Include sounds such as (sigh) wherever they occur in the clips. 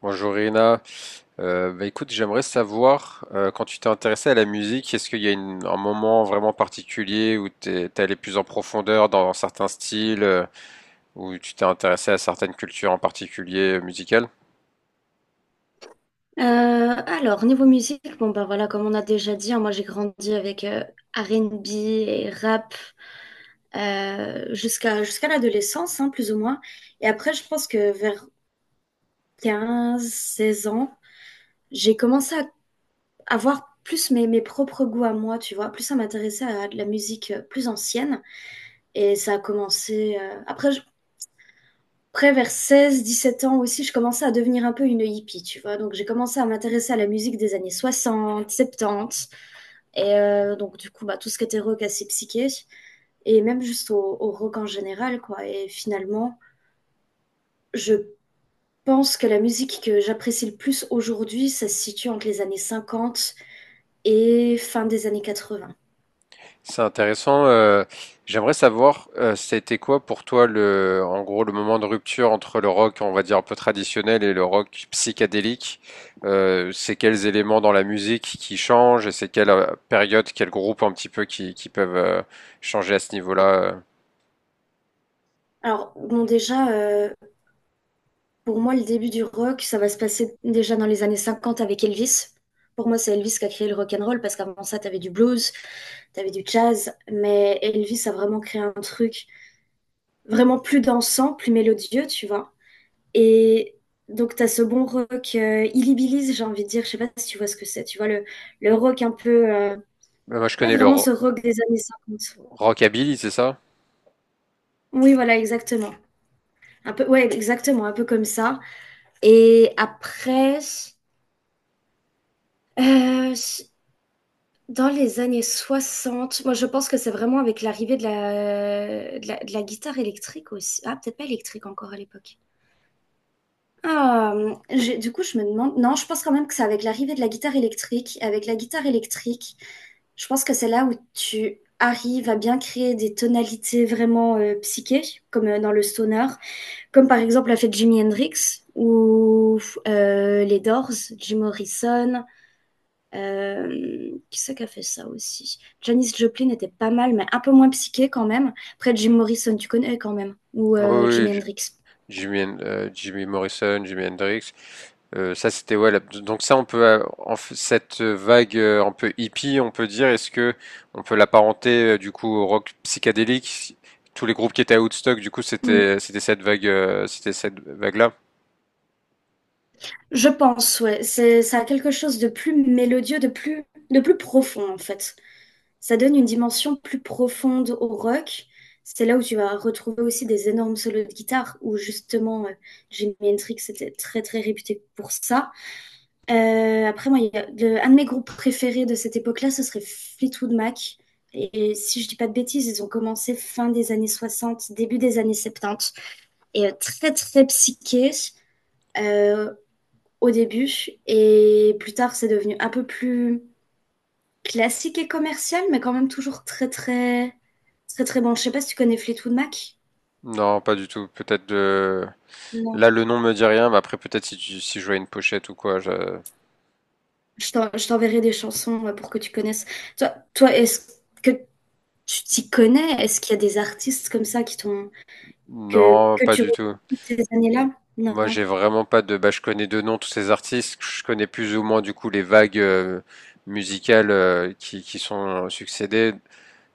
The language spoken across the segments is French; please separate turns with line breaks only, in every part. Bonjour Irina. Bah écoute, j'aimerais savoir, quand tu t'es intéressée à la musique, est-ce qu'il y a un moment vraiment particulier où t'es allé plus en profondeur dans certains styles, où tu t'es intéressée à certaines cultures en particulier musicales?
Euh, alors, niveau musique, bon, bah voilà, comme on a déjà dit, hein, moi j'ai grandi avec R&B et rap jusqu'à l'adolescence, hein, plus ou moins. Et après, je pense que vers 15 16 ans, j'ai commencé à avoir plus mes propres goûts à moi, tu vois, plus à m'intéresser à de la musique plus ancienne. Et ça a commencé. Après, vers 16 17 ans aussi, je commençais à devenir un peu une hippie, tu vois. Donc j'ai commencé à m'intéresser à la musique des années 60, 70. Et donc, du coup, bah, tout ce qui était rock assez psyché, et même juste au rock en général, quoi. Et finalement, je pense que la musique que j'apprécie le plus aujourd'hui, ça se situe entre les années 50 et fin des années 80.
C'est intéressant. J'aimerais savoir, c'était quoi pour toi en gros, le moment de rupture entre le rock, on va dire un peu traditionnel, et le rock psychédélique. C'est quels éléments dans la musique qui changent et c'est quelle période, quel groupe un petit peu qui peuvent changer à ce niveau-là.
Alors, bon, déjà, pour moi, le début du rock, ça va se passer déjà dans les années 50 avec Elvis. Pour moi, c'est Elvis qui a créé le rock and roll parce qu'avant ça, t'avais du blues, t'avais du jazz, mais Elvis a vraiment créé un truc vraiment plus dansant, plus mélodieux, tu vois. Et donc, tu as ce bon rock illibilise, j'ai envie de dire, je sais pas si tu vois ce que c'est, tu vois, le rock un peu,
Moi, je
ouais,
connais le
vraiment ce
ro-
rock des années cinquante.
rockabilly, c'est ça?
Oui, voilà, exactement. Un peu, ouais, exactement, un peu comme ça. Et après, euh, dans les années 60, moi je pense que c'est vraiment avec l'arrivée de la guitare électrique aussi. Ah, peut-être pas électrique encore à l'époque. Ah, du coup, je me demande. Non, je pense quand même que c'est avec l'arrivée de la guitare électrique. Avec la guitare électrique, je pense que c'est là où tu arrives à bien créer des tonalités vraiment psychées, comme dans le stoner, comme par exemple l'a fait Jimi Hendrix ou les Doors, Jim Morrison. Qui c'est qui a fait ça aussi? Janis Joplin était pas mal, mais un peu moins psyché quand même. Après, Jim Morrison, tu connais quand même, ou
Oui,
Jimi
oui,
Hendrix.
Jimmy Morrison, Jimi Hendrix. Ça, c'était ouais. Donc ça, on peut cette vague un peu hippie, on peut dire. Est-ce que on peut l'apparenter du coup au rock psychédélique? Tous les groupes qui étaient à Woodstock, du coup, c'était cette vague, c'était cette vague-là.
Je pense, ouais. C'est, ça a quelque chose de plus mélodieux, de plus profond, en fait. Ça donne une dimension plus profonde au rock. C'est là où tu vas retrouver aussi des énormes solos de guitare, où justement, Jimi Hendrix était très, très réputé pour ça. Après, moi, il y a un de mes groupes préférés de cette époque-là, ce serait Fleetwood Mac. Et si je dis pas de bêtises, ils ont commencé fin des années 60, début des années 70. Et très, très psyché. Euh, Au début et plus tard c'est devenu un peu plus classique et commercial, mais quand même toujours très très très très bon. Je sais pas si tu connais Fleetwood Mac.
Non, pas du tout. Peut-être de...
Non.
Là, le nom me dit rien, mais après, peut-être si, si je vois une pochette ou quoi.
Je t'enverrai des chansons pour que tu connaisses. Toi, toi, est-ce que tu t'y connais? Est-ce qu'il y a des artistes comme ça qui t'ont que
Non,
que
pas
tu
du
retrouves
tout.
ces années-là? Non.
Moi, j'ai vraiment pas bah, je connais de nom tous ces artistes. Je connais plus ou moins du coup les vagues musicales qui sont succédées,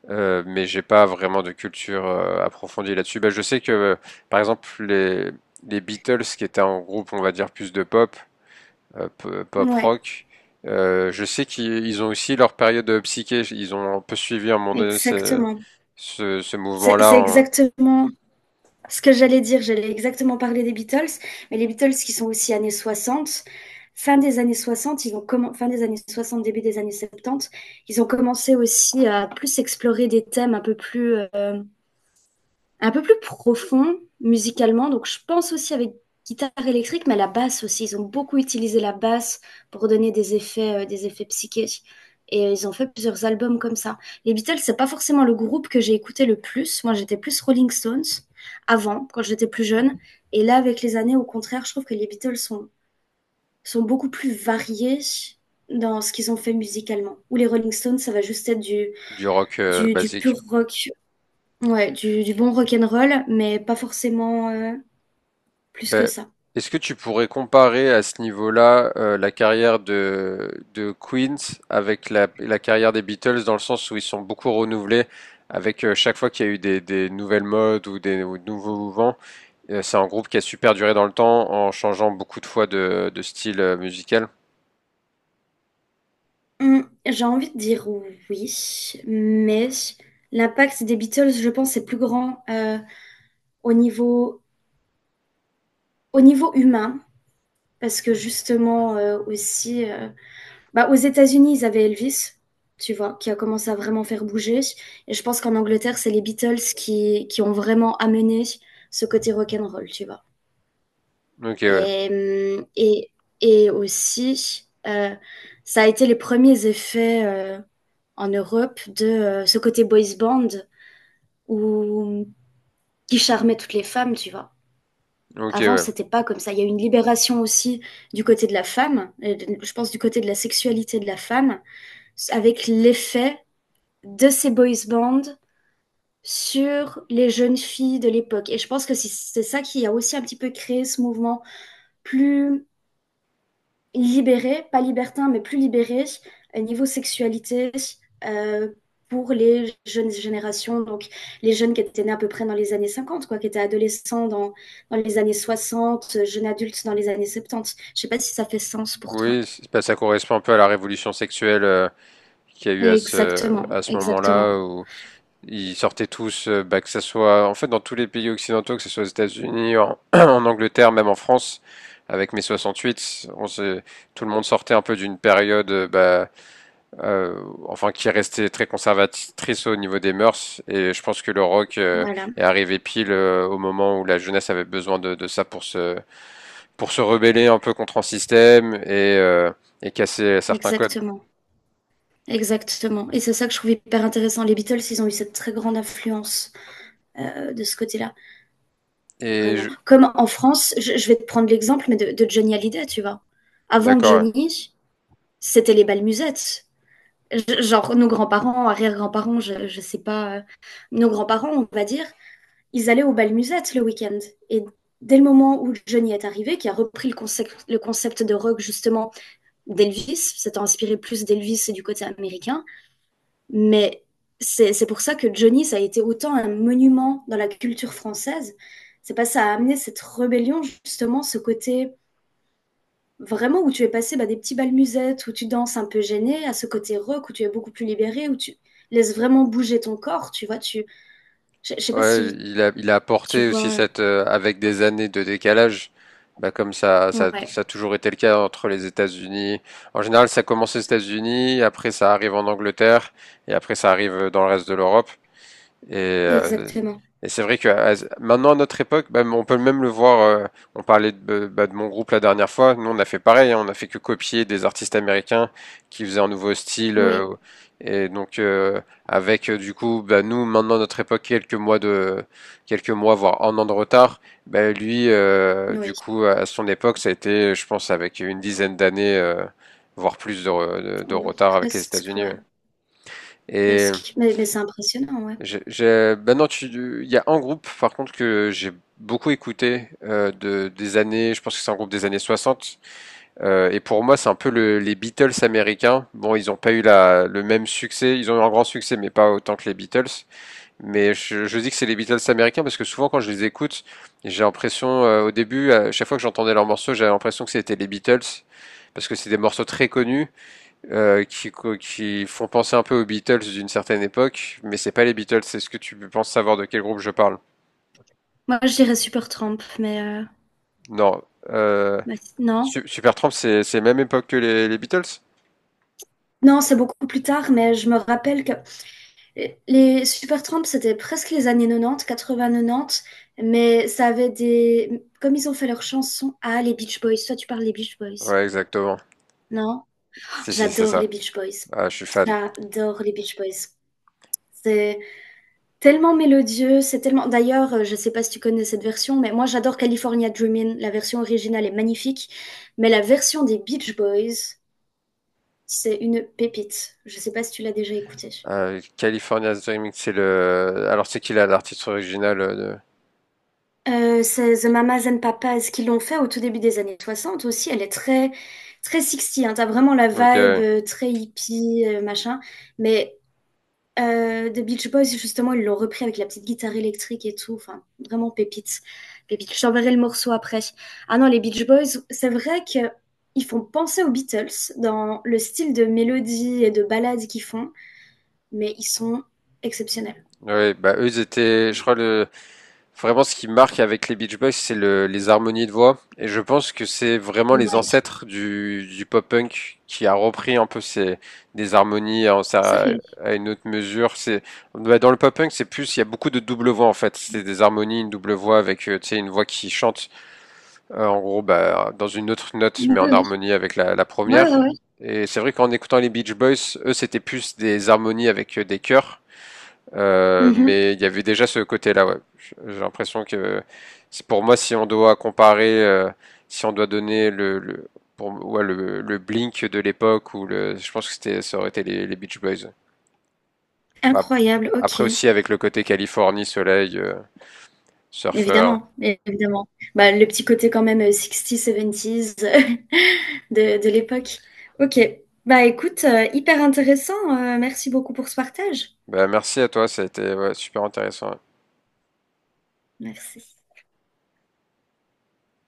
mais j'ai pas vraiment de culture approfondie là-dessus. Bah, je sais que, par exemple, les Beatles, qui étaient un groupe, on va dire plus de pop, pop
Ouais,
rock, je sais qu'ils ils ont aussi leur période psyché. Ils ont un peu suivi à un moment donné ce,
exactement.
ce, ce
C'est
mouvement-là
c'est
en-
exactement ce que j'allais dire, j'allais exactement parler des Beatles, mais les Beatles qui sont aussi années 60, fin des années 60, fin des années 60, début des années 70, ils ont commencé aussi à plus explorer des thèmes un peu plus profond musicalement. Donc, je pense aussi avec guitare électrique, mais la basse aussi. Ils ont beaucoup utilisé la basse pour donner des effets psychiques. Et ils ont fait plusieurs albums comme ça. Les Beatles, c'est pas forcément le groupe que j'ai écouté le plus. Moi, j'étais plus Rolling Stones avant, quand j'étais plus jeune. Et là, avec les années, au contraire, je trouve que les Beatles sont beaucoup plus variés dans ce qu'ils ont fait musicalement. Ou les Rolling Stones, ça va juste être du,
Du rock
du, du
basique.
pur rock. Ouais, du bon rock'n'roll, mais pas forcément plus que
Ben,
ça.
est-ce que tu pourrais comparer à ce niveau-là la carrière de Queens avec la carrière des Beatles dans le sens où ils sont beaucoup renouvelés avec chaque fois qu'il y a eu des nouvelles modes ou des ou de nouveaux mouvements? C'est un groupe qui a super duré dans le temps en changeant beaucoup de fois de style musical.
J'ai envie de dire oui, mais l'impact des Beatles, je pense, est plus grand au niveau, au niveau humain, parce que justement aussi, bah, aux États-Unis, ils avaient Elvis, tu vois, qui a commencé à vraiment faire bouger, et je pense qu'en Angleterre, c'est les Beatles qui ont vraiment amené ce côté rock'n'roll, tu vois.
Ok, ouais.
Et, et, et aussi, ça a été les premiers effets en Europe de ce côté boys band où, qui charmait toutes les femmes, tu vois.
Ok,
Avant,
ouais.
c'était pas comme ça. Il y a eu une libération aussi du côté de la femme, je pense du côté de la sexualité de la femme, avec l'effet de ces boys bands sur les jeunes filles de l'époque. Et je pense que c'est ça qui a aussi un petit peu créé ce mouvement plus libéré, pas libertin, mais plus libéré niveau sexualité euh, pour les jeunes générations, donc les jeunes qui étaient nés à peu près dans les années 50 quoi, qui étaient adolescents dans les années 60 jeunes adultes dans les années 70. Je sais pas si ça fait sens pour toi.
Oui, ben, ça correspond un peu à la révolution sexuelle qu'il y a eu à
Exactement,
à ce
exactement.
moment-là où ils sortaient tous, bah, que ce soit en fait dans tous les pays occidentaux, que ce soit aux États-Unis, (clears throat) en Angleterre, même en France, avec mai 68, tout le monde sortait un peu d'une période, euh, enfin qui restait très conservatrice au niveau des mœurs. Et je pense que le rock
Voilà,
est arrivé pile au moment où la jeunesse avait besoin de ça pour se rebeller un peu contre un système et casser certains codes.
exactement. Exactement. Et c'est ça que je trouve hyper intéressant. Les Beatles, ils ont eu cette très grande influence de ce côté-là.
Et
Vraiment.
je-
Comme en France, je vais te prendre l'exemple, mais de Johnny Hallyday, tu vois. Avant
d'accord.
Johnny, c'était les belles musettes. Genre, nos grands-parents, arrière-grands-parents, je sais pas, nos grands-parents, on va dire, ils allaient aux bal musettes le week-end. Et dès le moment où Johnny est arrivé, qui a repris le concept de rock, justement, d'Elvis, s'étant inspiré plus d'Elvis et du côté américain, mais c'est pour ça que Johnny, ça a été autant un monument dans la culture française. C'est pas ça a amené cette rébellion, justement, ce côté vraiment où tu es passé bah, des petits bals musettes, où tu danses un peu gêné, à ce côté rock, où tu es beaucoup plus libéré, où tu laisses vraiment bouger ton corps, tu vois. Tu... Je sais pas
Ouais,
si
il a
tu
apporté aussi
vois.
avec des années de décalage, bah comme ça,
Ouais,
ça a toujours été le cas entre les États-Unis. En général, ça commence aux États-Unis, après ça arrive en Angleterre, et après ça arrive dans le reste de l'Europe. Et, euh,
exactement.
et c'est vrai que maintenant à notre époque, bah, on peut même le voir. On parlait de mon groupe la dernière fois. Nous, on a fait pareil. Hein, on a fait que copier des artistes américains qui faisaient un nouveau style.
Oui,
Et donc avec du coup, bah, nous maintenant à notre époque quelques mois voire un an de retard. Bah, lui, du
oui.
coup, à son époque, ça a été, je pense, avec une dizaine d'années, voire plus de
On-
retard avec les
Presque,
États-Unis.
ouais.
Ouais. Et
Presque. Mais c'est impressionnant, ouais.
ben non, il y a un groupe par contre que j'ai beaucoup écouté des années, je pense que c'est un groupe des années 60. Et pour moi c'est un peu les Beatles américains. Bon, ils n'ont pas eu le même succès, ils ont eu un grand succès, mais pas autant que les Beatles. Mais je dis que c'est les Beatles américains parce que souvent quand je les écoute, j'ai l'impression, au début, à chaque fois que j'entendais leurs morceaux, j'avais l'impression que c'était les Beatles parce que c'est des morceaux très connus euh, qui, qui font penser un peu aux Beatles d'une certaine époque, mais c'est pas les Beatles. Est-ce que tu penses savoir de quel groupe je parle?
Moi, je dirais Super Trump, mais, euh,
Non. Euh,
mais non.
Supertramp, c'est même époque que les Beatles?
Non, c'est beaucoup plus tard, mais je me rappelle que les Supertramp, c'était presque les années 90, 80-90, mais ça avait des... Comme ils ont fait leurs chansons... Ah, les Beach Boys, toi tu parles des Beach Boys.
Ouais, exactement.
Non?
C'est
J'adore les
ça.
Beach Boys.
Ah, je suis fan.
J'adore les Beach Boys. C'est tellement mélodieux, c'est tellement... D'ailleurs, je sais pas si tu connais cette version, mais moi j'adore California Dreamin'. La version originale est magnifique, mais la version des Beach Boys, c'est une pépite. Je sais pas si tu l'as déjà écoutée.
California Dreaming, c'est le. Alors c'est qui là l'artiste original de...
C'est The Mamas and Papas qui l'ont fait au tout début des années 60 aussi. Elle est très, très 60 hein. T'as vraiment la vibe
Ok.
très hippie, machin. Mais The Beach Boys, justement, ils l'ont repris avec la petite guitare électrique et tout. Enfin, vraiment pépite. Pépite. Je t'enverrai le morceau après. Ah non, les Beach Boys, c'est vrai que ils font penser aux Beatles dans le style de mélodie et de ballade qu'ils font, mais ils sont exceptionnels.
Oui, bah eux ils étaient, je crois le Vraiment, ce qui marque avec les Beach Boys, c'est les harmonies de voix. Et je pense que c'est vraiment les
Ouais,
ancêtres du pop-punk qui a repris un peu des harmonies ça,
sérieux.
à une autre mesure. Bah, dans le pop-punk, c'est plus, il y a beaucoup de double voix en fait. C'est des harmonies, une double voix tu sais, une voix qui chante, en gros, bah, dans une autre note,
Oui,
mais en
oui.
harmonie avec la
Ouais,
première.
ouais,
Et c'est vrai qu'en écoutant les Beach Boys, eux, c'était plus des harmonies avec des chœurs.
ouais.
Mais il y avait déjà ce côté-là, ouais. J'ai l'impression que c'est pour moi, si on doit comparer, si on doit donner pour, ouais, le Blink de l'époque, ou je pense que ça aurait été les Beach Boys. Bah,
Incroyable,
après
OK.
aussi, avec le côté Californie, soleil, surfeur.
Évidemment, évidemment. Bah, le petit côté quand même, 60s, (laughs) de l'époque. OK. Bah, écoute, hyper intéressant, merci beaucoup pour ce partage.
Bah, merci à toi, ça a été ouais, super intéressant.
Merci.